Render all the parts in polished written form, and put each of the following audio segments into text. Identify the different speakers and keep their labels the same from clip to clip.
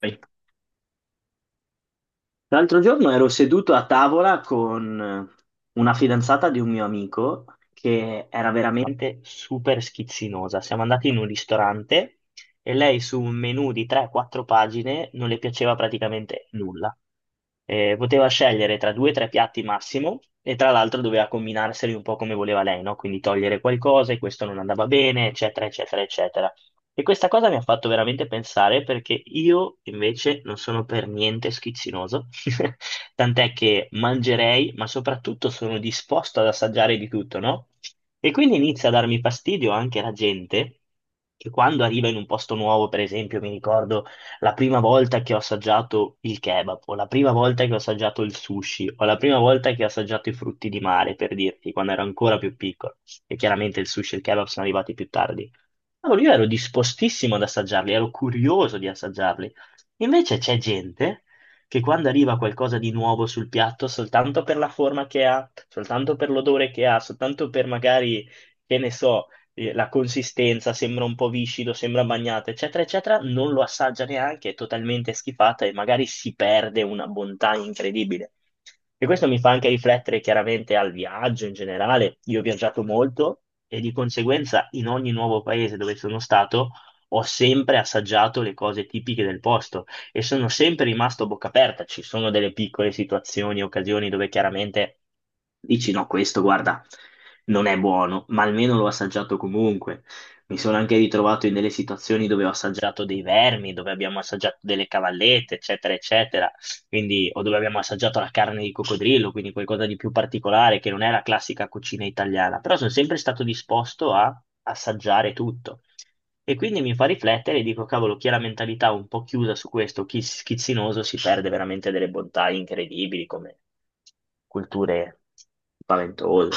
Speaker 1: Vai.
Speaker 2: L'altro giorno ero seduto a tavola con una fidanzata di un mio amico che era veramente super schizzinosa. Siamo andati in un ristorante e lei su un menù di 3-4 pagine non le piaceva praticamente nulla. Poteva scegliere tra due o tre piatti massimo e tra l'altro doveva combinarseli un po' come voleva lei, no? Quindi togliere qualcosa e questo non andava bene, eccetera, eccetera, eccetera. E questa cosa mi ha fatto veramente pensare, perché io invece non sono per niente schizzinoso, tant'è che mangerei, ma soprattutto sono disposto ad assaggiare di tutto, no? E quindi inizia a darmi fastidio anche la gente che quando arriva in un posto nuovo, per esempio, mi ricordo la prima volta che ho assaggiato il kebab, o la prima volta che ho assaggiato il sushi, o la prima volta che ho assaggiato i frutti di mare, per dirti, quando ero ancora più piccolo. E chiaramente il sushi e il kebab sono arrivati più tardi. Allora io ero dispostissimo ad assaggiarli, ero curioso di assaggiarli. Invece c'è gente che quando arriva qualcosa di nuovo sul piatto, soltanto per la forma che ha, soltanto per l'odore che ha, soltanto per magari, che ne so, la consistenza sembra un po' viscido, sembra bagnato, eccetera, eccetera, non lo assaggia neanche, è totalmente schifata e magari si perde una bontà incredibile. E questo mi fa anche riflettere chiaramente al viaggio in generale. Io ho viaggiato molto e di conseguenza in ogni nuovo paese dove sono stato ho sempre assaggiato le cose tipiche del posto e sono sempre rimasto a bocca aperta. Ci sono delle piccole situazioni, occasioni dove chiaramente dici no, questo guarda, non è buono, ma almeno l'ho assaggiato comunque. Mi sono anche ritrovato in delle situazioni dove ho assaggiato dei vermi, dove abbiamo assaggiato delle cavallette, eccetera, eccetera, quindi, o dove abbiamo assaggiato la carne di coccodrillo, quindi qualcosa di più particolare che non è la classica cucina italiana, però sono sempre stato disposto a assaggiare tutto. E quindi mi fa riflettere e dico, cavolo, chi ha la mentalità un po' chiusa su questo, chi schizzinoso, si perde veramente delle bontà incredibili come culture spaventose.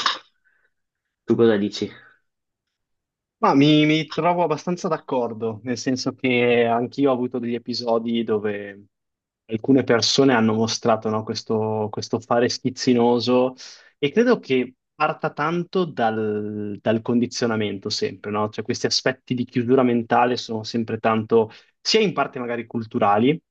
Speaker 2: Tu cosa dici?
Speaker 1: Ma mi trovo abbastanza d'accordo, nel senso che anch'io ho avuto degli episodi dove alcune persone hanno mostrato, no, questo fare schizzinoso e credo che parta tanto dal condizionamento sempre, no? Cioè questi aspetti di chiusura mentale sono sempre tanto, sia in parte magari culturali,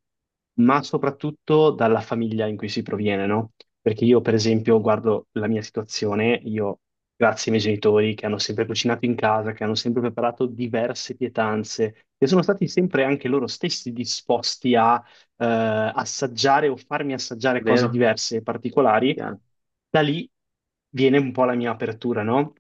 Speaker 1: ma soprattutto dalla famiglia in cui si proviene, no? Perché io, per esempio, guardo la mia situazione, io grazie ai miei genitori che hanno sempre cucinato in casa, che hanno sempre preparato diverse pietanze, che sono stati sempre anche loro stessi disposti a assaggiare o farmi assaggiare cose
Speaker 2: Vero?
Speaker 1: diverse e particolari,
Speaker 2: Chiaro,
Speaker 1: da lì viene un po' la mia apertura, no?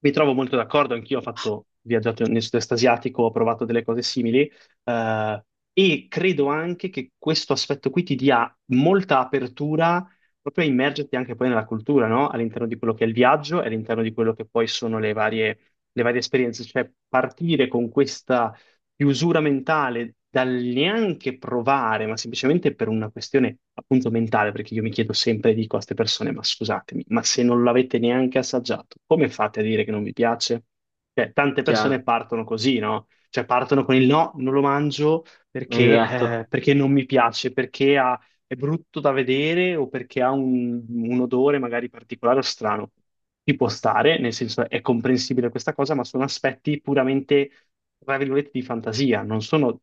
Speaker 1: Mi trovo molto d'accordo, anch'io ho fatto viaggiato nel sud-est asiatico, ho provato delle cose simili, eh, e credo anche che questo aspetto qui ti dia molta apertura proprio immergerti anche poi nella cultura, no? All'interno di quello che è il viaggio e all'interno di quello che poi sono le varie esperienze, cioè partire con questa chiusura mentale dal neanche provare, ma semplicemente per una questione appunto mentale, perché io mi chiedo sempre, dico a queste persone, ma scusatemi, ma se non l'avete neanche assaggiato, come fate a dire che non vi piace? Cioè, tante persone
Speaker 2: chiaro.
Speaker 1: partono così, no? Cioè partono con il no, non lo mangio perché,
Speaker 2: Esatto,
Speaker 1: perché non mi piace, perché ha è brutto da vedere o perché ha un odore magari particolare o strano. Ci può stare, nel senso è comprensibile questa cosa, ma sono aspetti puramente, tra virgolette, di fantasia, non sono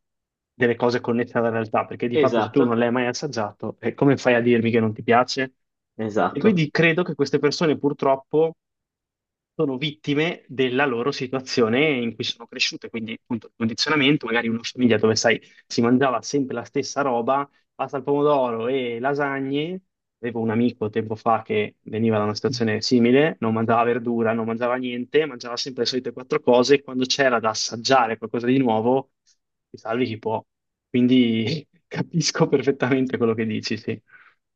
Speaker 1: delle cose connesse alla realtà, perché di fatto se tu non
Speaker 2: esatto,
Speaker 1: l'hai mai assaggiato, come fai a dirmi che non ti piace? E
Speaker 2: esatto.
Speaker 1: quindi credo che queste persone purtroppo sono vittime della loro situazione in cui sono cresciute, quindi appunto il condizionamento, magari una famiglia dove sai, si mangiava sempre la stessa roba, pasta al pomodoro e lasagne. Avevo un amico tempo fa che veniva da una situazione simile, non mangiava verdura, non mangiava niente, mangiava sempre le solite quattro cose e quando c'era da assaggiare qualcosa di nuovo, ti salvi chi può. Quindi capisco perfettamente quello che dici, sì.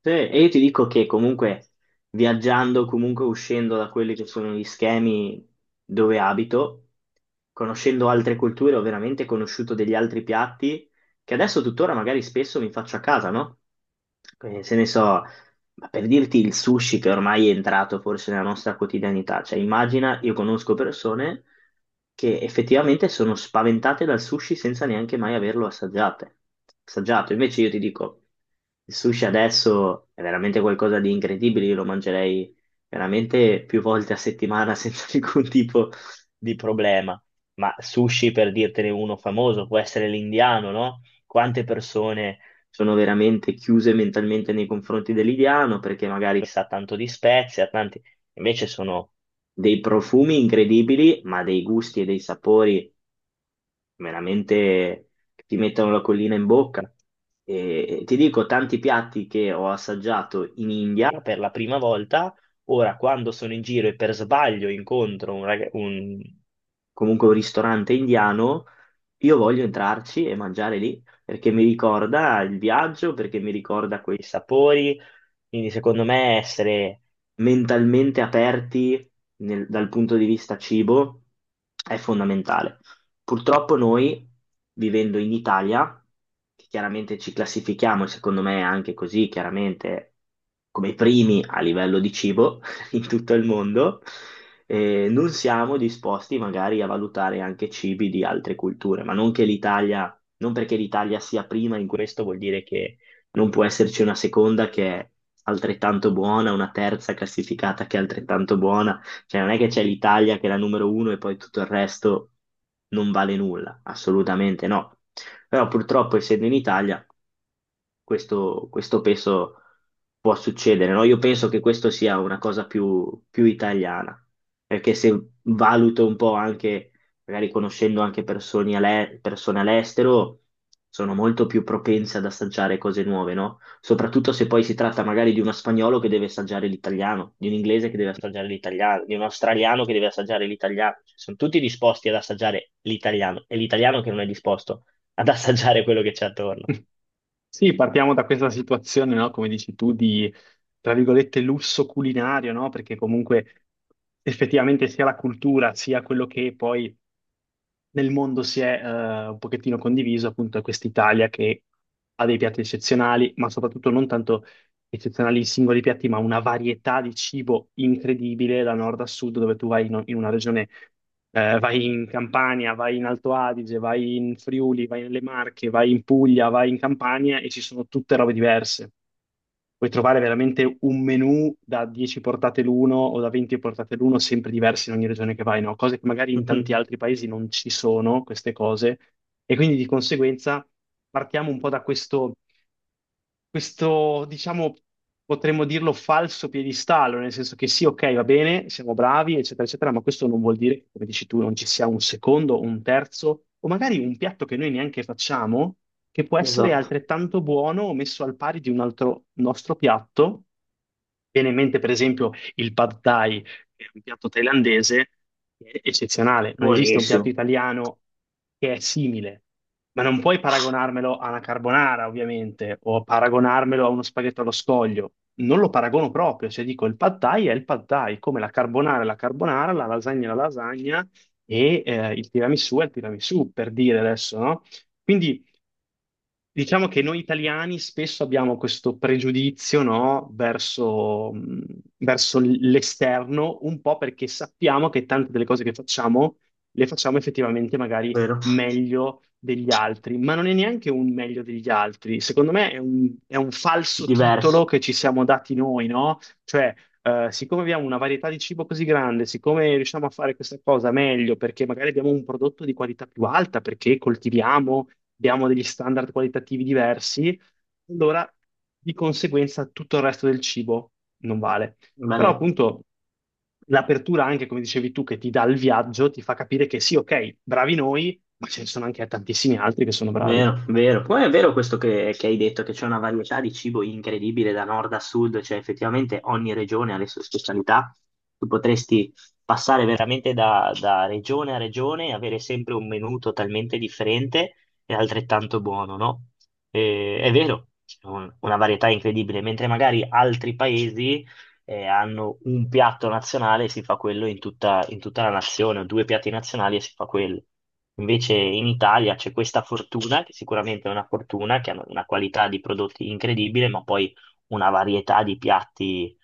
Speaker 2: Sì, e io ti dico che comunque viaggiando, comunque uscendo da quelli che sono gli schemi dove abito, conoscendo altre culture, ho veramente conosciuto degli altri piatti che adesso tuttora magari spesso mi faccio a casa, no? Se ne so, ma per dirti il sushi, che ormai è entrato forse nella nostra quotidianità, cioè immagina, io conosco persone che effettivamente sono spaventate dal sushi senza neanche mai averlo assaggiate. Assaggiato. Invece io ti dico, il sushi adesso è veramente qualcosa di incredibile, io lo mangerei veramente più volte a settimana senza alcun tipo di problema. Ma sushi, per dirtene uno famoso, può essere l'indiano, no? Quante persone sono veramente chiuse mentalmente nei confronti dell'italiano perché magari sa tanto di spezie, ha tanti... invece sono dei profumi incredibili, ma dei gusti e dei sapori veramente ti mettono la collina in bocca. E ti dico, tanti piatti che ho assaggiato in India per la prima volta, ora quando sono in giro e per sbaglio incontro comunque un ristorante indiano, io voglio entrarci e mangiare lì, perché mi ricorda il viaggio, perché mi ricorda quei sapori, quindi secondo me essere mentalmente aperti dal punto di vista cibo è fondamentale. Purtroppo noi, vivendo in Italia, che chiaramente ci classifichiamo, e secondo me è anche così, chiaramente come i primi a livello di cibo in tutto il mondo, non siamo disposti magari a valutare anche cibi di altre culture, ma non che l'Italia, non perché l'Italia sia prima in questo vuol dire che non può esserci una seconda che è altrettanto buona, una terza classificata che è altrettanto buona. Cioè, non è che c'è l'Italia che è la numero uno e poi tutto il resto non vale nulla, assolutamente no. Però purtroppo, essendo in Italia, questo penso può succedere, no? Io penso che questo sia una cosa più italiana, perché se valuto un po' anche, magari conoscendo anche persone, persone all'estero, sono molto più propense ad assaggiare cose nuove, no? Soprattutto se poi si tratta magari di uno spagnolo che deve assaggiare l'italiano, di un inglese che deve assaggiare l'italiano, di un australiano che deve assaggiare l'italiano. Cioè, sono tutti disposti ad assaggiare l'italiano, è l'italiano che non è disposto ad assaggiare quello che c'è attorno.
Speaker 1: Sì, partiamo da questa situazione, no? Come dici tu, di, tra virgolette, lusso culinario, no? Perché comunque effettivamente sia la cultura, sia quello che poi nel mondo si è un pochettino condiviso, appunto, è quest'Italia che ha dei piatti eccezionali, ma soprattutto non tanto eccezionali i singoli piatti, ma una varietà di cibo incredibile da nord a sud, dove tu vai in una regione, vai in Campania, vai in Alto Adige, vai in Friuli, vai nelle Marche, vai in Puglia, vai in Campania e ci sono tutte robe diverse. Puoi trovare veramente un menù da 10 portate l'uno o da 20 portate l'uno, sempre diversi in ogni regione che vai, no? Cose che magari in tanti altri paesi non ci sono, queste cose, e quindi di conseguenza partiamo un po' da questo diciamo, potremmo dirlo falso piedistallo, nel senso che sì, ok, va bene, siamo bravi, eccetera, eccetera, ma questo non vuol dire che, come dici tu, non ci sia un secondo, un terzo, o magari un piatto che noi neanche facciamo, che può essere
Speaker 2: Esatto,
Speaker 1: altrettanto buono o messo al pari di un altro nostro piatto. Viene in mente, per esempio, il pad thai che è un piatto thailandese che è eccezionale. Non esiste un piatto
Speaker 2: buonissimo,
Speaker 1: italiano che è simile, ma non puoi paragonarmelo a una carbonara, ovviamente, o paragonarmelo a uno spaghetto allo scoglio. Non lo paragono proprio, cioè dico il pad thai è il pad thai, come la carbonara è la carbonara, la lasagna è la lasagna e il tiramisù è il tiramisù, per dire adesso, no? Quindi diciamo che noi italiani spesso abbiamo questo pregiudizio, no, verso, verso l'esterno, un po' perché sappiamo che tante delle cose che facciamo le facciamo effettivamente magari
Speaker 2: vero?
Speaker 1: meglio degli altri, ma non è neanche un meglio degli altri. Secondo me è è un falso titolo
Speaker 2: Diverso,
Speaker 1: che ci siamo dati noi, no? Cioè, siccome abbiamo una varietà di cibo così grande, siccome riusciamo a fare questa cosa meglio, perché magari abbiamo un prodotto di qualità più alta, perché coltiviamo, abbiamo degli standard qualitativi diversi, allora di conseguenza tutto il resto del cibo non vale. Però
Speaker 2: bene,
Speaker 1: appunto l'apertura anche, come dicevi tu, che ti dà il viaggio, ti fa capire che sì, ok, bravi noi, ma ce ne sono anche tantissimi altri che sono bravi.
Speaker 2: vero, vero. Poi è vero questo che hai detto, che c'è una varietà di cibo incredibile da nord a sud, cioè effettivamente ogni regione ha le sue specialità. Tu potresti passare veramente da, regione a regione e avere sempre un menù totalmente differente e altrettanto buono, no? E- è vero, c'è una varietà incredibile, mentre magari altri paesi hanno un piatto nazionale e si fa quello in tutta la nazione, o due piatti nazionali e si fa quello. Invece in Italia c'è questa fortuna, che sicuramente è una fortuna, che hanno una qualità di prodotti incredibile, ma poi una varietà di piatti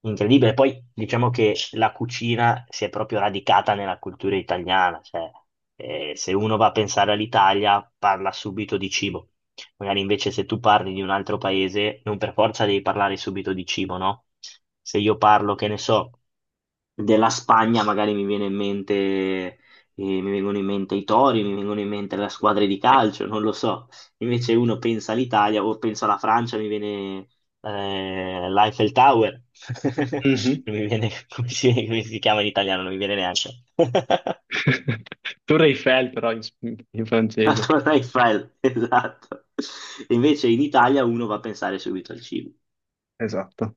Speaker 2: incredibile. Poi diciamo che la cucina si è proprio radicata nella cultura italiana, cioè se uno va a pensare all'Italia parla subito di cibo. Magari invece se tu parli di un altro paese, non per forza devi parlare subito di cibo, no? Se io parlo, che ne so, della Spagna, magari mi viene in mente, mi vengono in mente i tori, mi vengono in mente le squadre di calcio, non lo so. Invece uno pensa all'Italia o pensa alla Francia, mi viene l'Eiffel Tower.
Speaker 1: Mhm.
Speaker 2: Non mi viene, come si chiama in italiano, non mi viene neanche.
Speaker 1: Tour Eiffel, però in, in
Speaker 2: La
Speaker 1: francese.
Speaker 2: Torre Eiffel, esatto. Invece in Italia uno va a pensare subito al cibo.
Speaker 1: Esatto.